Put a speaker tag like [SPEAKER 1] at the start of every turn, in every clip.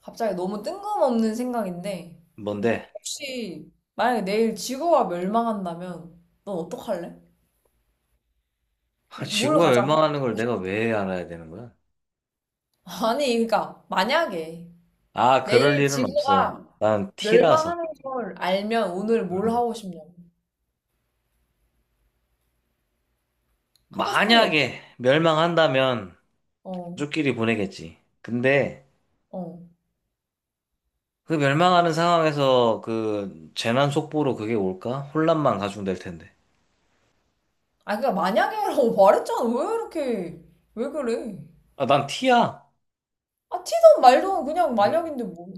[SPEAKER 1] 갑자기 너무 뜬금없는 생각인데,
[SPEAKER 2] 뭔데?
[SPEAKER 1] 혹시 만약에 내일 지구가 멸망한다면, 넌 어떡할래?
[SPEAKER 2] 아,
[SPEAKER 1] 뭘
[SPEAKER 2] 지구가
[SPEAKER 1] 가장 하고
[SPEAKER 2] 멸망하는
[SPEAKER 1] 싶어?
[SPEAKER 2] 걸 내가 왜 알아야 되는 거야?
[SPEAKER 1] 아니, 그러니까, 만약에
[SPEAKER 2] 아, 그럴
[SPEAKER 1] 내일
[SPEAKER 2] 일은 없어.
[SPEAKER 1] 지구가
[SPEAKER 2] 난 T라서.
[SPEAKER 1] 멸망하는 걸 알면 오늘 뭘
[SPEAKER 2] 음.
[SPEAKER 1] 하고 싶냐고. 하고 싶은 게 없어?
[SPEAKER 2] 만약에 멸망한다면
[SPEAKER 1] 어,
[SPEAKER 2] 가족끼리 보내겠지. 근데
[SPEAKER 1] 어.
[SPEAKER 2] 그 멸망하는 상황에서 그 재난 속보로 그게 올까? 혼란만 가중될 텐데.
[SPEAKER 1] 아, 그니까 만약에라고 말했잖아. 왜 이렇게, 왜 그래?
[SPEAKER 2] 아, 난 T야.
[SPEAKER 1] 아, 티든 말든 그냥
[SPEAKER 2] 음.
[SPEAKER 1] 만약인데 뭐.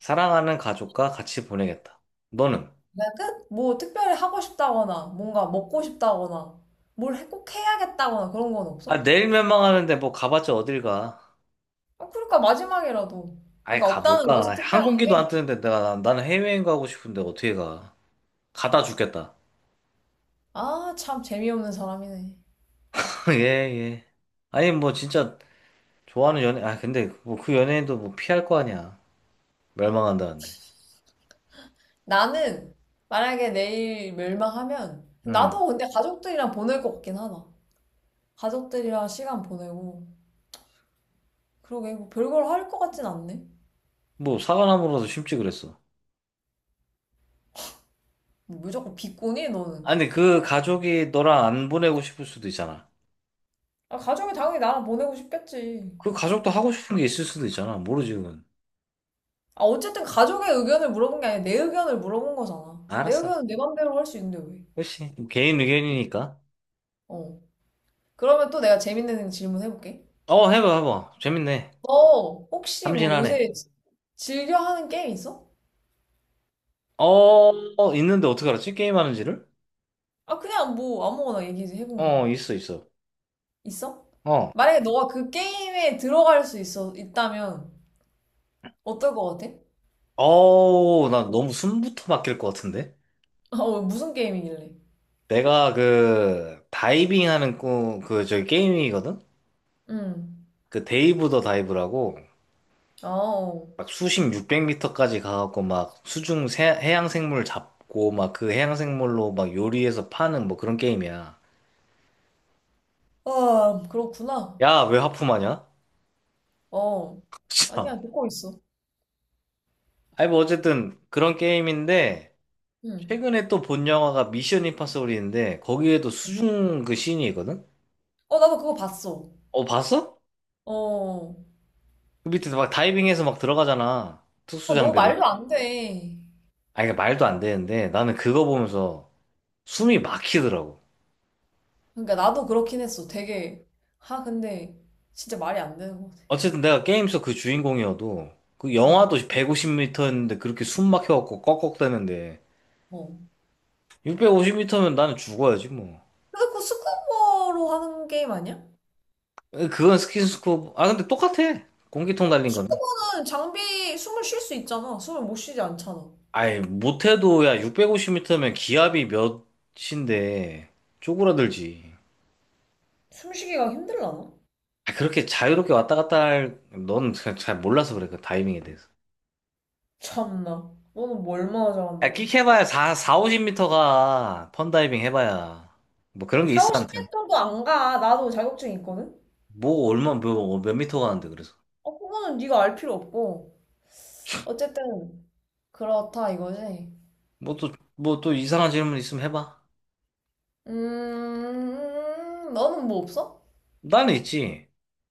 [SPEAKER 2] 사랑하는 가족과 같이 보내겠다. 너는?
[SPEAKER 1] 그냥 끝? 뭐 특별히 하고 싶다거나 뭔가 먹고 싶다거나 꼭 해야겠다거나 그런 건
[SPEAKER 2] 아,
[SPEAKER 1] 없어?
[SPEAKER 2] 내일 멸망하는데 뭐 가봤자 어딜 가?
[SPEAKER 1] 아, 그러니까 마지막이라도.
[SPEAKER 2] 아예
[SPEAKER 1] 그러니까
[SPEAKER 2] 가, 못
[SPEAKER 1] 없다는 거지
[SPEAKER 2] 가.
[SPEAKER 1] 특별한
[SPEAKER 2] 항공기도
[SPEAKER 1] 게.
[SPEAKER 2] 안 뜨는데 내가, 나는 해외여행 가고 싶은데 어떻게 가? 가다 죽겠다.
[SPEAKER 1] 아, 참 재미없는 사람이네.
[SPEAKER 2] 예, 예. 아니, 뭐, 진짜, 좋아하는 연예, 아, 근데, 뭐, 그 연예인도 뭐, 피할 거 아니야. 멸망한다는데.
[SPEAKER 1] 나는 만약에 내일 멸망하면
[SPEAKER 2] 음.
[SPEAKER 1] 나도 근데 가족들이랑 보낼 것 같긴 하다. 가족들이랑 시간 보내고 그러게 뭐 별걸 할 것 같진 않네.
[SPEAKER 2] 뭐, 사과나무라도 심지 그랬어.
[SPEAKER 1] 뭐 무조건 비꼬니 너는?
[SPEAKER 2] 아니, 그 가족이 너랑 안 보내고 싶을 수도 있잖아.
[SPEAKER 1] 아, 가족이 당연히 나랑 보내고 싶겠지.
[SPEAKER 2] 그 가족도 하고 싶은 게 있을 수도 있잖아. 모르지, 그건.
[SPEAKER 1] 아, 어쨌든 가족의 의견을 물어본 게 아니라 내 의견을 물어본 거잖아. 내
[SPEAKER 2] 알았어.
[SPEAKER 1] 의견은 내 맘대로 할 수 있는데 왜?
[SPEAKER 2] 그치. 개인 의견이니까.
[SPEAKER 1] 어. 그러면 또 내가 재밌는 질문 해볼게.
[SPEAKER 2] 어, 해봐, 해봐. 재밌네.
[SPEAKER 1] 너 혹시 뭐
[SPEAKER 2] 참신하네.
[SPEAKER 1] 요새 즐겨 하는 게임 있어?
[SPEAKER 2] 어, 있는데 어떻게 알았지? 게임하는지를?
[SPEAKER 1] 아, 그냥 뭐 아무거나 얘기 좀 해본 거야.
[SPEAKER 2] 어, 있어.
[SPEAKER 1] 있어?
[SPEAKER 2] 어.
[SPEAKER 1] 만약에 너가 그 게임에 있다면 어떨 것 같아?
[SPEAKER 2] 어우, 나 너무 숨부터 막힐 것 같은데?
[SPEAKER 1] 어, 무슨 게임이길래?
[SPEAKER 2] 내가 그 다이빙 하는 꿈, 그 저기 게임이거든?
[SPEAKER 1] 응.
[SPEAKER 2] 그 데이브 더 다이브라고
[SPEAKER 1] 아, 어.
[SPEAKER 2] 막 수심 600m까지 가갖고 막 수중 해양 생물 잡고 막 그 해양 생물로 막 요리해서 파는 뭐 그런 게임이야.
[SPEAKER 1] 아, 그렇구나.
[SPEAKER 2] 야, 왜 하품하냐?
[SPEAKER 1] 어.
[SPEAKER 2] 참.
[SPEAKER 1] 아니야, 듣고 있어.
[SPEAKER 2] 아니 뭐 어쨌든 그런 게임인데
[SPEAKER 1] 응.
[SPEAKER 2] 최근에 또 본 영화가 미션 임파서블인데 거기에도 수중 그 씬이 있거든?
[SPEAKER 1] 어, 나도 그거 봤어.
[SPEAKER 2] 어, 봤어?
[SPEAKER 1] 어.
[SPEAKER 2] 그 밑에 막 다이빙해서 막 들어가잖아. 특수
[SPEAKER 1] 아, 너
[SPEAKER 2] 장비로.
[SPEAKER 1] 말도 안 돼.
[SPEAKER 2] 아니, 그 말도 안 되는데 나는 그거 보면서 숨이 막히더라고.
[SPEAKER 1] 그러니까 나도 그렇긴 했어. 되게. 아, 근데 진짜 말이 안 되는 것 같아.
[SPEAKER 2] 어쨌든 내가 게임 속 그 주인공이어도 그
[SPEAKER 1] 어,
[SPEAKER 2] 영하도 150m였는데 그렇게 숨 막혀갖고 꺽꺽대는데
[SPEAKER 1] 어.
[SPEAKER 2] 650m면 나는 죽어야지 뭐.
[SPEAKER 1] 근데 그거 스쿠버로 하는 게임 아니야?
[SPEAKER 2] 그건 스킨스쿠버. 아 근데 똑같아. 공기통 달린 거는.
[SPEAKER 1] 스쿠버는 장비 숨을 쉴 수 있잖아. 숨을 못 쉬지 않잖아.
[SPEAKER 2] 아이 못해도 야 650m면 기압이 몇인데 쪼그라들지.
[SPEAKER 1] 숨쉬기가 힘들라나?
[SPEAKER 2] 아, 그렇게 자유롭게 왔다 갔다 할, 넌 잘 몰라서 그래, 그 다이빙에 대해서.
[SPEAKER 1] 참나. 너는 뭐 얼마나
[SPEAKER 2] 아,
[SPEAKER 1] 잘한다고.
[SPEAKER 2] 끽 해봐야 50m가 펀다이빙 해봐야. 뭐 그런 게
[SPEAKER 1] 4,
[SPEAKER 2] 있어, 아무튼.
[SPEAKER 1] 50m도 안 가. 나도 자격증 있거든?
[SPEAKER 2] 뭐 얼마 어, 몇 미터 가는데 그래서
[SPEAKER 1] 어, 그거는 네가 알 필요 없고. 어쨌든 그렇다 이거지.
[SPEAKER 2] 뭐 또 뭐 또 이상한 질문 있으면 해봐
[SPEAKER 1] 너는 뭐 없어?
[SPEAKER 2] 나는 있지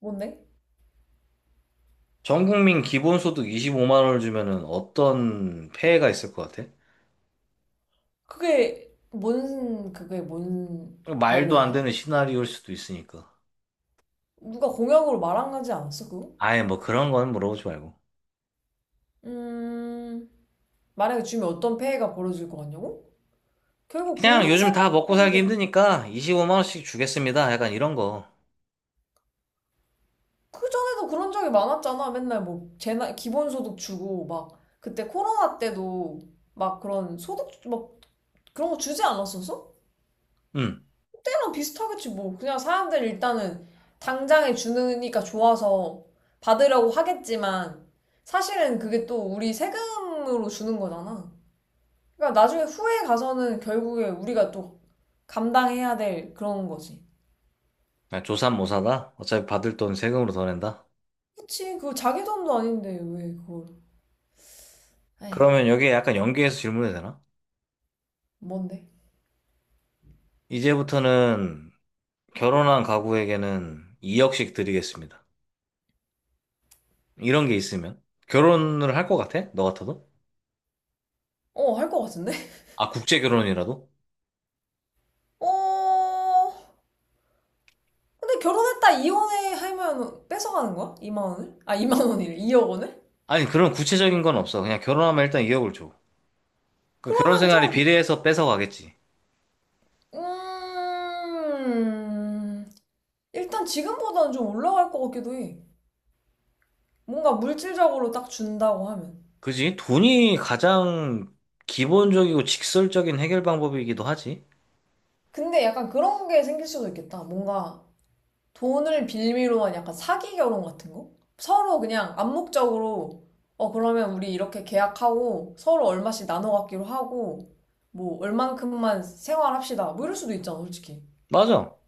[SPEAKER 1] 뭔데?
[SPEAKER 2] 전 국민 기본소득 25만 원을 주면은 어떤 폐해가 있을 것 같아?
[SPEAKER 1] 그게 뭔
[SPEAKER 2] 말도 안
[SPEAKER 1] 관련이야?
[SPEAKER 2] 되는 시나리오일 수도 있으니까
[SPEAKER 1] 누가 공약으로 말한가지 않았어 그거?
[SPEAKER 2] 아예 뭐 그런 건 물어보지 말고
[SPEAKER 1] 음 만약에 주면 어떤 폐해가 벌어질 것 같냐고? 결국
[SPEAKER 2] 그냥
[SPEAKER 1] 국민
[SPEAKER 2] 요즘 다 먹고 살기
[SPEAKER 1] 세금으로
[SPEAKER 2] 힘드니까 25만 원씩 주겠습니다 약간 이런 거
[SPEAKER 1] 그 전에도 그런 적이 많았잖아. 맨날 뭐 재난 기본소득 주고 막 그때 코로나 때도 막 그런 소득 막 그런 거 주지 않았었어?
[SPEAKER 2] 응.
[SPEAKER 1] 때랑 비슷하겠지 뭐 그냥 사람들 일단은 당장에 주니까 좋아서 받으려고 하겠지만 사실은 그게 또 우리 세금으로 주는 거잖아. 그러니까 나중에 후에 가서는 결국에 우리가 또 감당해야 될 그런 거지.
[SPEAKER 2] 아, 조삼모사다 어차피 받을 돈 세금으로 더 낸다
[SPEAKER 1] 그치 그거 자기 돈도 아닌데 왜 그걸. 에이.
[SPEAKER 2] 그러면 여기에 약간 연계해서 질문해도 되나?
[SPEAKER 1] 뭔데?
[SPEAKER 2] 이제부터는 결혼한 가구에게는 2억씩 드리겠습니다 이런 게 있으면 결혼을 할 것 같아? 너 같아도?
[SPEAKER 1] 어 할 것 같은데.
[SPEAKER 2] 아, 국제 결혼이라도?
[SPEAKER 1] 어 근데 결혼했다 이혼해 하면 뺏어가는 거야? 2만 원을? 아 2만 원이래. 2억 원을?
[SPEAKER 2] 아니, 그런 구체적인 건 없어. 그냥 결혼하면 일단 2억을 줘. 그 결혼
[SPEAKER 1] 그러면 좀
[SPEAKER 2] 생활에 비례해서 뺏어가겠지.
[SPEAKER 1] 음, 일단 지금보다는 좀 올라갈 것 같기도 해. 뭔가 물질적으로 딱 준다고 하면.
[SPEAKER 2] 그지? 돈이 가장 기본적이고 직설적인 해결 방법이기도 하지.
[SPEAKER 1] 근데 약간 그런 게 생길 수도 있겠다. 뭔가 돈을 빌미로 한 약간 사기 결혼 같은 거? 서로 그냥 암묵적으로, 어, 그러면 우리 이렇게 계약하고 서로 얼마씩 나눠 갖기로 하고, 뭐, 얼만큼만 생활합시다. 뭐 이럴 수도 있잖아, 솔직히.
[SPEAKER 2] 맞아.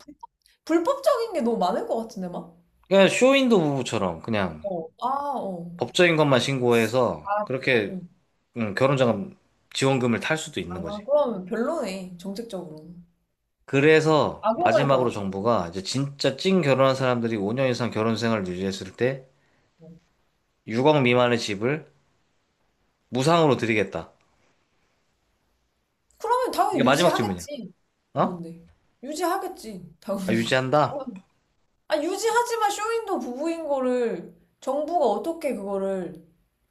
[SPEAKER 1] 불법적인 게 너무 많을 것 같은데, 막?
[SPEAKER 2] 그냥 쇼윈도 부부처럼 그냥
[SPEAKER 1] 어, 아, 어.
[SPEAKER 2] 법적인 것만 신고해서
[SPEAKER 1] 아,
[SPEAKER 2] 그렇게 결혼자금 지원금을 탈 수도
[SPEAKER 1] 아,
[SPEAKER 2] 있는 거지.
[SPEAKER 1] 그럼 별로네, 정책적으로.
[SPEAKER 2] 그래서
[SPEAKER 1] 악용할 것
[SPEAKER 2] 마지막으로
[SPEAKER 1] 같아.
[SPEAKER 2] 정부가 이제 진짜 찐 결혼한 사람들이 5년 이상 결혼 생활을 유지했을 때
[SPEAKER 1] 어.
[SPEAKER 2] 6억 미만의 집을 무상으로 드리겠다.
[SPEAKER 1] 그러면
[SPEAKER 2] 이게
[SPEAKER 1] 당연히
[SPEAKER 2] 마지막 질문이야.
[SPEAKER 1] 유지하겠지.
[SPEAKER 2] 어?
[SPEAKER 1] 뭔데? 유지하겠지,
[SPEAKER 2] 아,
[SPEAKER 1] 당연히.
[SPEAKER 2] 유지한다?
[SPEAKER 1] 당연히. 아, 유지하지만 쇼윈도 부부인 거를 정부가 어떻게 그거를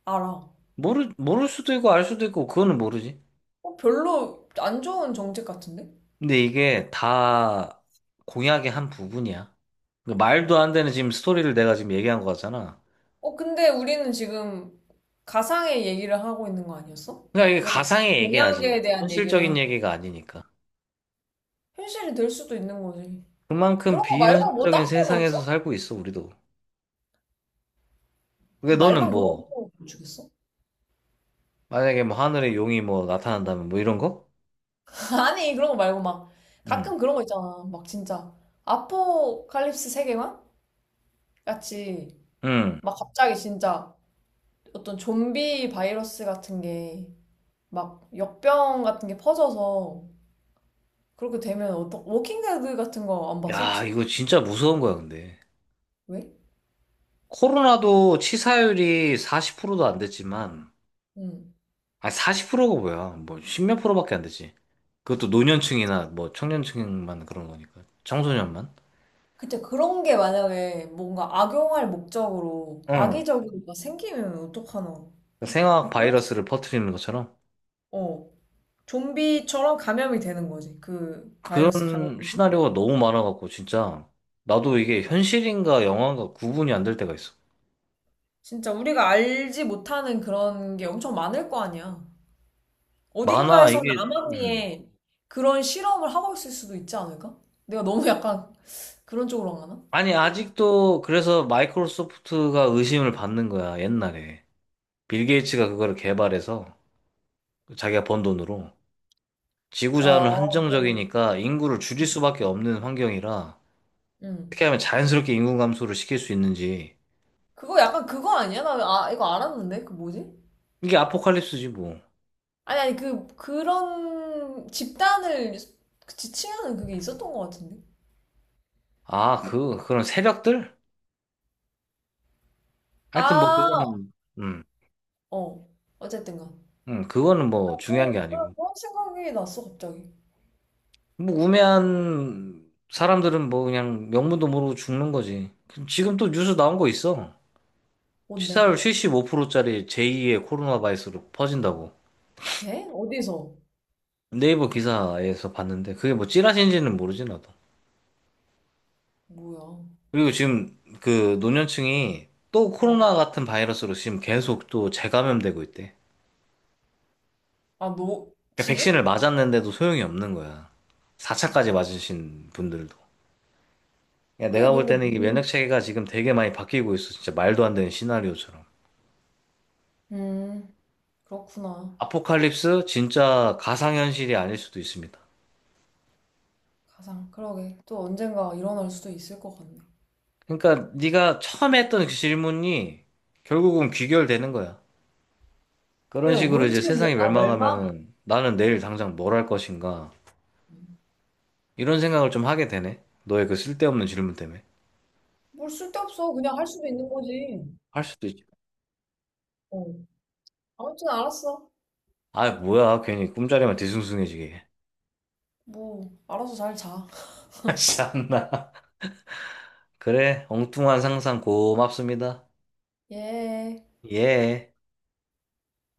[SPEAKER 1] 알아?
[SPEAKER 2] 모를 수도 있고 알 수도 있고 그거는 모르지.
[SPEAKER 1] 어, 별로 안 좋은 정책 같은데?
[SPEAKER 2] 근데 이게 다 공약의 한 부분이야. 그러니까 말도 안 되는 지금 스토리를 내가 지금 얘기한 거 같잖아.
[SPEAKER 1] 어, 근데 우리는 지금 가상의 얘기를 하고 있는 거 아니었어?
[SPEAKER 2] 그러니까 이게
[SPEAKER 1] 왜 갑자기
[SPEAKER 2] 가상의 얘기야지
[SPEAKER 1] 공약에 대한 얘기를 하는
[SPEAKER 2] 현실적인
[SPEAKER 1] 거야?
[SPEAKER 2] 얘기가 아니니까.
[SPEAKER 1] 현실이 될 수도 있는 거지.
[SPEAKER 2] 그만큼
[SPEAKER 1] 그런 거 말고 뭐
[SPEAKER 2] 비현실적인
[SPEAKER 1] 딴 건
[SPEAKER 2] 세상에서
[SPEAKER 1] 없어?
[SPEAKER 2] 살고 있어, 우리도. 근데 너는
[SPEAKER 1] 말만 그러고
[SPEAKER 2] 뭐,
[SPEAKER 1] 또 주겠어?
[SPEAKER 2] 만약에 뭐 하늘에 용이 뭐 나타난다면 뭐 이런 거?
[SPEAKER 1] 아니 그런 거 말고 막
[SPEAKER 2] 응.
[SPEAKER 1] 가끔 그런 거 있잖아 막 진짜 아포칼립스 세계관 같이
[SPEAKER 2] 응.
[SPEAKER 1] 막 갑자기 진짜 어떤 좀비 바이러스 같은 게 막 역병 같은 게 퍼져서 그렇게 되면 어떤 워킹데드 같은 거 안 봤어
[SPEAKER 2] 야,
[SPEAKER 1] 혹시?
[SPEAKER 2] 이거 진짜 무서운 거야, 근데.
[SPEAKER 1] 왜?
[SPEAKER 2] 코로나도 치사율이 40%도 안 됐지만,
[SPEAKER 1] 응.
[SPEAKER 2] 아니, 40%가 뭐야. 뭐, 십몇 프로밖에 안 되지. 그것도 노년층이나 뭐, 청년층만 그런 거니까. 청소년만.
[SPEAKER 1] 그때 그런 게 만약에 뭔가 악용할 목적으로
[SPEAKER 2] 응.
[SPEAKER 1] 악의적으로 막 생기면 어떡하나
[SPEAKER 2] 생화학
[SPEAKER 1] 뭐 그런 생각.
[SPEAKER 2] 바이러스를 퍼뜨리는 것처럼.
[SPEAKER 1] 어 좀비처럼 감염이 되는 거지 그 바이러스
[SPEAKER 2] 그런
[SPEAKER 1] 감염되면.
[SPEAKER 2] 시나리오가 너무 많아갖고, 진짜. 나도 이게 현실인가 영화인가 구분이 안 될 때가 있어.
[SPEAKER 1] 진짜 우리가 알지 못하는 그런 게 엄청 많을 거 아니야.
[SPEAKER 2] 많아,
[SPEAKER 1] 어딘가에서는
[SPEAKER 2] 이게, 음.
[SPEAKER 1] 암암리에 그런 실험을 하고 있을 수도 있지 않을까? 내가 너무 약간 그런 쪽으로 안 가나?
[SPEAKER 2] 아니, 아직도 그래서 마이크로소프트가 의심을 받는 거야, 옛날에. 빌 게이츠가 그거를 개발해서 자기가 번 돈으로.
[SPEAKER 1] 아,
[SPEAKER 2] 지구자원은
[SPEAKER 1] 어.
[SPEAKER 2] 한정적이니까 인구를 줄일 수밖에 없는 환경이라
[SPEAKER 1] 응.
[SPEAKER 2] 어떻게 하면 자연스럽게 인구 감소를 시킬 수 있는지
[SPEAKER 1] 그거 약간 그거 아니야? 나 아, 이거 알았는데? 그 뭐지?
[SPEAKER 2] 이게 아포칼립스지 뭐.
[SPEAKER 1] 아니, 아니, 그런 집단을 그 지칭하는 그게 있었던 것 같은데?
[SPEAKER 2] 아, 그 그런 새벽들? 하여튼 뭐
[SPEAKER 1] 아,
[SPEAKER 2] 그거는 음,
[SPEAKER 1] 어. 어쨌든가.
[SPEAKER 2] 그거는 뭐
[SPEAKER 1] 어,
[SPEAKER 2] 중요한 게 아니고
[SPEAKER 1] 그런 생각이 났어, 갑자기.
[SPEAKER 2] 뭐 우매한 사람들은 뭐 그냥 명문도 모르고 죽는 거지. 지금 또 뉴스 나온 거 있어.
[SPEAKER 1] 뭔데?
[SPEAKER 2] 치사율 75%짜리 제2의 코로나 바이러스로 퍼진다고.
[SPEAKER 1] 에? 어디서?
[SPEAKER 2] 네이버 기사에서 봤는데 그게 뭐 찌라시인지는 모르지 나도.
[SPEAKER 1] 뭐야?
[SPEAKER 2] 그리고 지금 그 노년층이 또
[SPEAKER 1] 어.
[SPEAKER 2] 코로나 같은 바이러스로 지금 계속 또 재감염되고 있대.
[SPEAKER 1] 아, 너,
[SPEAKER 2] 그러니까
[SPEAKER 1] 지금?
[SPEAKER 2] 백신을 맞았는데도 소용이 없는 거야. 4차까지 맞으신 분들도. 야,
[SPEAKER 1] 그게
[SPEAKER 2] 내가 볼
[SPEAKER 1] 근데
[SPEAKER 2] 때는 이게 면역
[SPEAKER 1] 무슨,
[SPEAKER 2] 체계가 지금 되게 많이 바뀌고 있어. 진짜 말도 안 되는 시나리오처럼.
[SPEAKER 1] 음, 그렇구나.
[SPEAKER 2] 아포칼립스 진짜 가상현실이 아닐 수도 있습니다.
[SPEAKER 1] 가상, 그러게. 또 언젠가 일어날 수도 있을 것 같네.
[SPEAKER 2] 그러니까 네가 처음에 했던 그 질문이 결국은 귀결되는 거야. 그런
[SPEAKER 1] 내가
[SPEAKER 2] 식으로 이제
[SPEAKER 1] 뭔지, 몰라.
[SPEAKER 2] 세상이
[SPEAKER 1] 아, 멸망?
[SPEAKER 2] 멸망하면은 나는 내일
[SPEAKER 1] 어.
[SPEAKER 2] 당장 뭘 할 것인가?
[SPEAKER 1] 음.
[SPEAKER 2] 이런 생각을 좀 하게 되네. 너의 그 쓸데없는 질문 때문에.
[SPEAKER 1] 뭘 쓸데없어. 그냥 할 수도 있는 거지.
[SPEAKER 2] 할 수도 있지.
[SPEAKER 1] 어. 아무튼 알았어.
[SPEAKER 2] 아, 뭐야. 괜히 꿈자리만 뒤숭숭해지게.
[SPEAKER 1] 뭐, 알아서 잘 자.
[SPEAKER 2] 참나. 그래, 엉뚱한 상상 고맙습니다.
[SPEAKER 1] 예.
[SPEAKER 2] 예.